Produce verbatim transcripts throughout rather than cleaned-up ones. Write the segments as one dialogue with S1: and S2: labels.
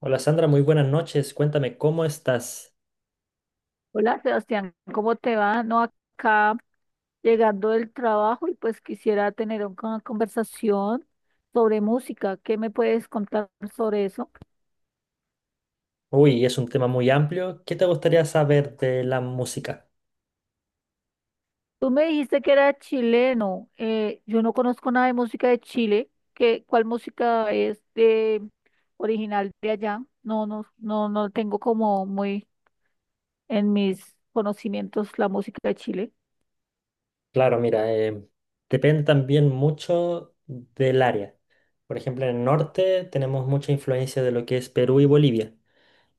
S1: Hola Sandra, muy buenas noches. Cuéntame, ¿cómo estás?
S2: Hola Sebastián, ¿cómo te va? No, acá llegando del trabajo y pues quisiera tener un- una conversación sobre música. ¿Qué me puedes contar sobre eso?
S1: Uy, es un tema muy amplio. ¿Qué te gustaría saber de la música?
S2: Tú me dijiste que era chileno. Eh, yo no conozco nada de música de Chile. ¿Qué, ¿cuál música es de original de allá? No, no, no, no tengo como muy en mis conocimientos la música de Chile.
S1: Claro, mira, eh, depende también mucho del área. Por ejemplo, en el norte tenemos mucha influencia de lo que es Perú y Bolivia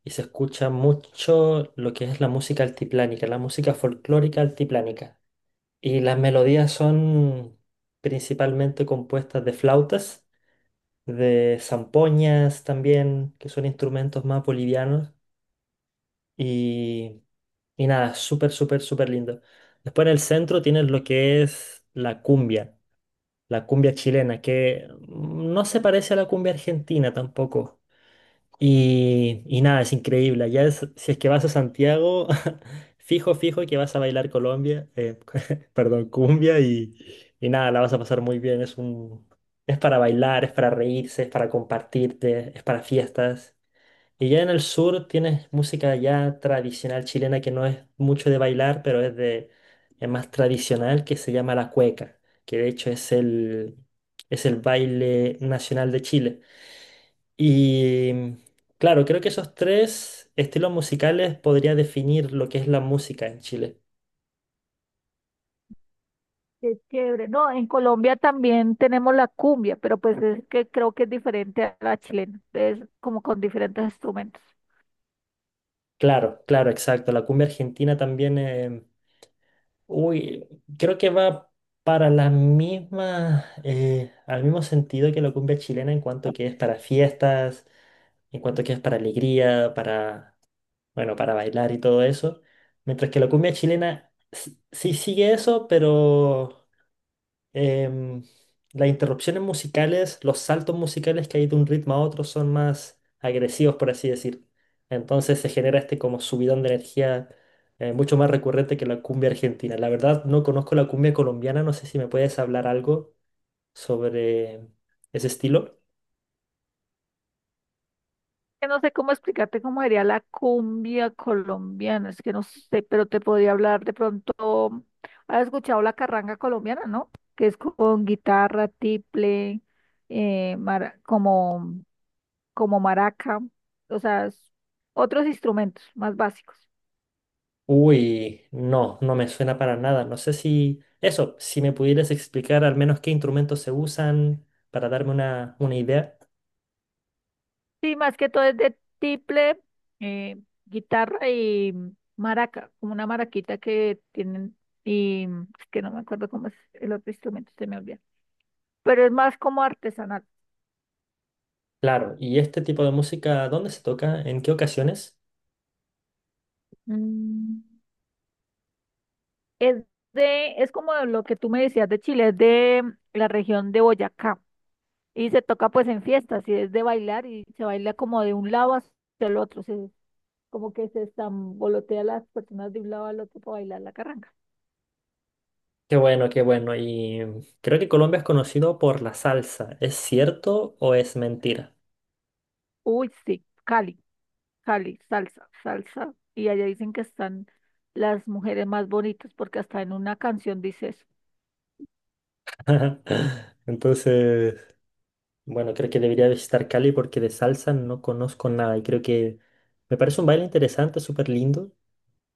S1: y se escucha mucho lo que es la música altiplánica, la música folclórica altiplánica. Y las melodías son principalmente compuestas de flautas, de zampoñas también, que son instrumentos más bolivianos. Y, y nada, súper, súper, súper lindo. Después en el centro tienes lo que es la cumbia, la cumbia chilena, que no se parece a la cumbia argentina tampoco. Y, y nada, es increíble. Ya si es que vas a Santiago, fijo, fijo que vas a bailar Colombia, eh, perdón, cumbia y, y nada, la vas a pasar muy bien. Es un, es para bailar, es para reírse, es para compartirte, es para fiestas. Y ya en el sur tienes música ya tradicional chilena que no es mucho de bailar, pero es de es más tradicional, que se llama la cueca, que de hecho es el es el baile nacional de Chile. Y claro, creo que esos tres estilos musicales podría definir lo que es la música en Chile.
S2: Qué chévere. No, en Colombia también tenemos la cumbia, pero pues es que creo que es diferente a la chilena. Es como con diferentes instrumentos.
S1: Claro, claro, exacto. La cumbia argentina también, eh, uy, creo que va para la misma, eh, al mismo sentido que la cumbia chilena, en cuanto que es para fiestas, en cuanto que es para alegría, para, bueno, para bailar y todo eso. Mientras que la cumbia chilena s- sí sigue eso, pero em, las interrupciones musicales, los saltos musicales que hay de un ritmo a otro son más agresivos, por así decir. Entonces se genera este como subidón de energía, eh, mucho más recurrente que la cumbia argentina. La verdad, no conozco la cumbia colombiana, no sé si me puedes hablar algo sobre ese estilo.
S2: Que no sé cómo explicarte cómo sería la cumbia colombiana. Es que no sé, pero te podría hablar de pronto. ¿Has escuchado la carranga colombiana, no? Que es con guitarra, tiple, eh, mara- como, como maraca. O sea, es- otros instrumentos más básicos.
S1: Uy, no, no me suena para nada. No sé si eso, si me pudieras explicar al menos qué instrumentos se usan para darme una, una idea.
S2: Sí, más que todo es de tiple, eh, guitarra y maraca, como una maraquita que tienen, y es que no me acuerdo cómo es el otro instrumento, se me olvida. Pero es más como artesanal.
S1: Claro, ¿y este tipo de música dónde se toca? ¿En qué ocasiones?
S2: Mm, es de, es como lo que tú me decías de Chile, es de la región de Boyacá. Y se toca pues en fiestas, y es de bailar, y se baila como de un lado hacia el otro, se- como que se estambolotea las personas de un lado al otro para bailar la carranga.
S1: Qué bueno, qué bueno. Y creo que Colombia es conocido por la salsa. ¿Es cierto o es mentira?
S2: Uy, sí, Cali. Cali, salsa, salsa. Y allá dicen que están las mujeres más bonitas porque hasta en una canción dice eso.
S1: Entonces, bueno, creo que debería visitar Cali porque de salsa no conozco nada y creo que me parece un baile interesante, súper lindo.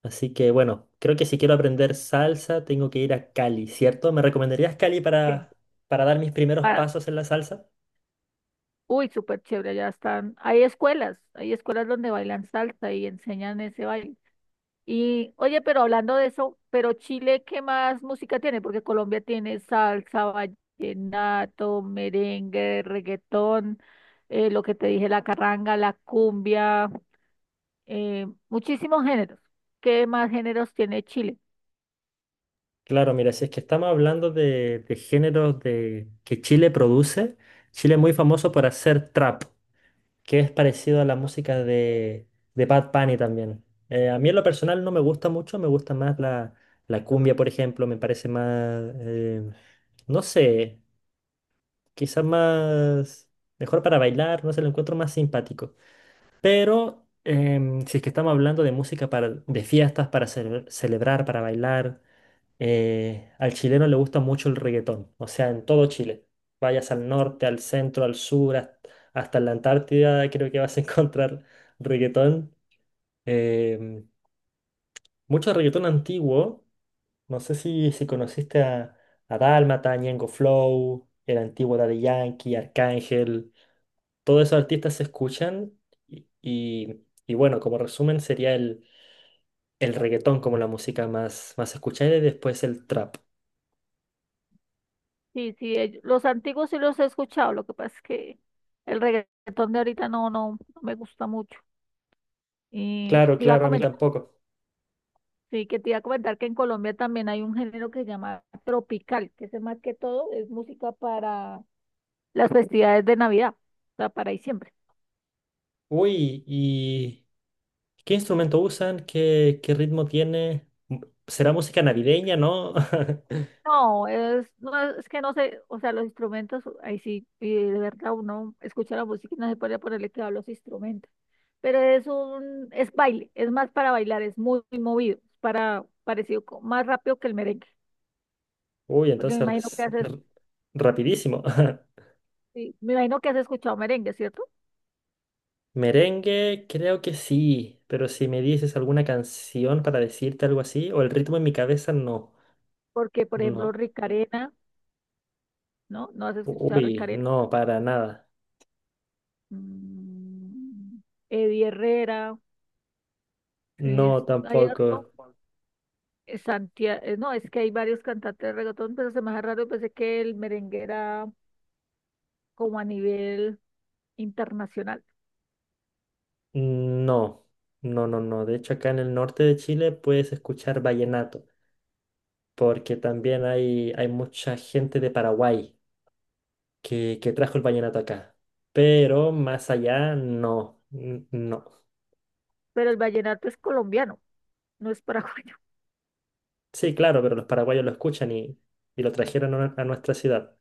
S1: Así que bueno, creo que si quiero aprender salsa tengo que ir a Cali, ¿cierto? ¿Me recomendarías Cali
S2: Sí,
S1: para, para dar mis primeros
S2: ah, claro.
S1: pasos en la salsa?
S2: Uy, súper chévere, allá están. Hay escuelas, hay escuelas donde bailan salsa y enseñan ese baile. Y oye, pero hablando de eso, pero Chile, ¿qué más música tiene? Porque Colombia tiene salsa, vallenato, merengue, reggaetón, eh, lo que te dije, la carranga, la cumbia, eh, muchísimos géneros. ¿Qué más géneros tiene Chile?
S1: Claro, mira, si es que estamos hablando de, de géneros de, que Chile produce, Chile es muy famoso por hacer trap, que es parecido a la música de, de Bad Bunny también. Eh, a mí en lo personal no me gusta mucho, me gusta más la, la cumbia, por ejemplo, me parece más, eh, no sé, quizás más, mejor para bailar, no sé, lo encuentro más simpático. Pero em, si es que estamos hablando de música para, de fiestas, para cele- celebrar, para bailar. Eh, al chileno le gusta mucho el reggaetón, o sea, en todo Chile. Vayas al norte, al centro, al sur, hast- hasta en la Antártida, creo que vas a encontrar reggaetón. Em, Mucho reggaetón antiguo. No sé si, si conociste a, a Dálmata, Ñengo Flow, el antiguo Daddy Yankee, Arcángel. Todos esos artistas se escuchan y, y- y bueno, como resumen sería el, el reggaetón como la música más, más escuchada y después el trap.
S2: Sí, sí, ell- los antiguos sí los he escuchado, lo que pasa es que el reggaetón de ahorita no, no, no me gusta mucho. Y
S1: Claro,
S2: te iba a Cla-
S1: claro, a mí
S2: comentar, claro.
S1: tampoco.
S2: Sí, que te iba a comentar que en Colombia también hay un género que se llama tropical, que es más que todo es música para las festividades de Navidad, o sea, para diciembre.
S1: Uy, ¿y qué instrumento usan? ¿Qué, qué ritmo tiene? M- ¿Será música navideña, no?
S2: No, es, no, es que no sé, o sea, los instrumentos, ahí sí, y de verdad uno escucha la música y no se puede ponerle cuidado a los instrumentos, pero es un, es baile, es más para bailar, es muy, muy movido, para, parecido, co- más rápido que el merengue,
S1: Uy,
S2: porque me imagino que
S1: entonces,
S2: haces,
S1: r- rapidísimo.
S2: sí, me imagino que has escuchado merengue, ¿cierto?
S1: Merengue, creo que sí, pero si me dices alguna canción para decirte algo así, o el ritmo en mi cabeza, no.
S2: Porque, por ejemplo,
S1: No.
S2: Ricarena, ¿no? ¿No has escuchado
S1: Uy,
S2: Ricarena?
S1: no, para nada.
S2: Mm, Eddie Herrera, es,
S1: No,
S2: hay
S1: tampoco.
S2: harto. Santiago, no, es que hay varios cantantes de reggaetón, pero se me hace raro, pensé que el merengue era como a nivel internacional,
S1: No, no, no, no. De hecho, acá en el norte de Chile puedes escuchar vallenato, porque también hay, hay mucha gente de Paraguay, que, que trajo el vallenato acá. Pero más allá, no, n- no.
S2: pero el vallenato es colombiano, no es paraguayo.
S1: Sí, claro, pero los paraguayos lo escuchan y, y lo trajeron a, nue- a nuestra ciudad.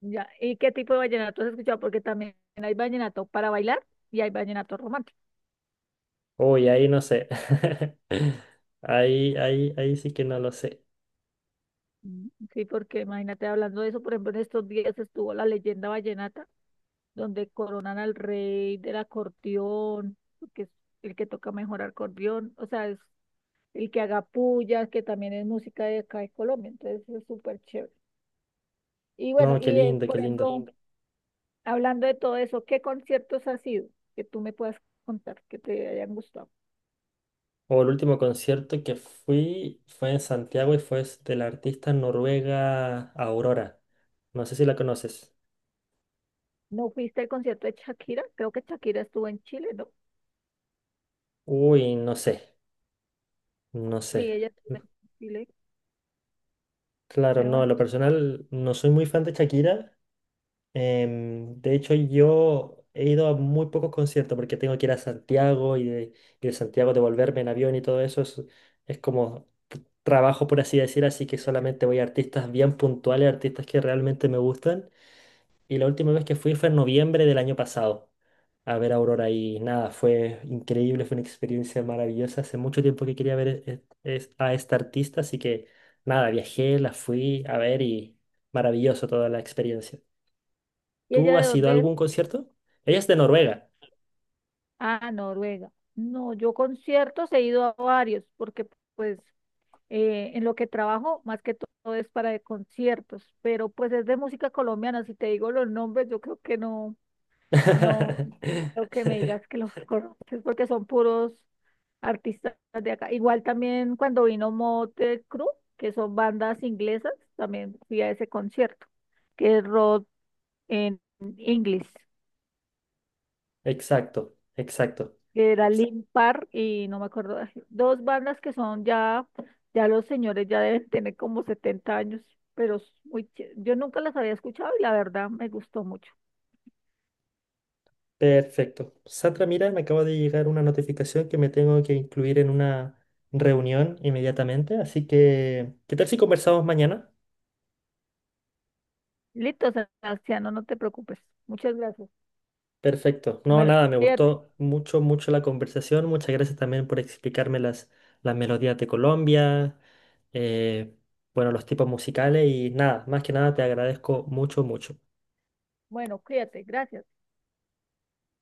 S2: Ya. ¿Y qué tipo de vallenato has escuchado? Porque también hay vallenato para bailar y hay vallenato romántico.
S1: Uy, ahí no sé. Ahí, ahí, ahí sí que no lo sé.
S2: Mm, sí, porque imagínate hablando de eso, por ejemplo, en estos días estuvo la leyenda vallenata, donde coronan al rey del acordeón, que es el que toca mejor acordeón, o sea, es el que haga pullas, que también es música de acá de Colombia, entonces es súper chévere. Y bueno,
S1: No, qué
S2: y eh,
S1: lindo, qué
S2: por
S1: lindo.
S2: ejemplo, sí, hablando de todo eso, ¿qué conciertos has ido que tú me puedas contar que te hayan gustado?
S1: O el último concierto que fui fue en Santiago y fue s- de la artista noruega Aurora. No sé si la conoces.
S2: ¿No fuiste al concierto de Shakira? Creo que Shakira estuvo en Chile, ¿no?
S1: Uy, no sé, no
S2: Sí,
S1: sé.
S2: ella estuvo en Chile,
S1: Claro,
S2: pero
S1: no, en
S2: bueno.
S1: lo personal no soy muy fan de Shakira. Em, de hecho, yo he ido a muy pocos conciertos porque tengo que ir a Santiago y de, y de Santiago devolverme en avión y todo eso es, es como t- trabajo, por así decir, así que solamente voy a artistas bien puntuales, artistas que realmente me gustan. Y la última vez que fui fue en noviembre del año pasado a ver a Aurora y nada, fue increíble, fue una experiencia maravillosa. Hace mucho tiempo que quería ver e- e- es- a esta artista, así que nada, viajé, la fui a ver y maravilloso toda la experiencia.
S2: ¿Y
S1: ¿Tú
S2: ella de
S1: has ido a
S2: dónde es?
S1: algún
S2: Uh,
S1: concierto? Ella es de Noruega.
S2: Ah, Noruega. No, yo conciertos he ido a varios, porque pues eh, en lo que trabajo, más que todo es para de conciertos, pero pues es de música colombiana, si te digo los nombres, yo creo que no. No, lo que me digas que los conoces porque son puros artistas de acá. Igual también cuando vino Motley Crue, que son bandas inglesas, también fui a ese concierto, que es rock en inglés,
S1: Exacto, exacto.
S2: que era Linkin Park y no me acuerdo, ay, dos bandas que son ya, ya los señores ya deben tener como setenta años, pero es muy ché- yo nunca las había escuchado y la verdad me gustó mucho.
S1: Perfecto. Sandra, mira, me acaba de llegar una notificación que me tengo que incluir en una reunión inmediatamente, así que, ¿qué tal si conversamos mañana?
S2: Listo, Sebastiano, no te preocupes. Muchas gracias.
S1: Perfecto. No,
S2: Bueno,
S1: nada, me
S2: cuídate.
S1: gustó mucho, mucho la conversación. Muchas gracias también por explicarme las, las melodías de Colombia, eh, bueno, los tipos musicales y nada, más que nada te agradezco mucho, mucho.
S2: Bueno, cuídate, gracias.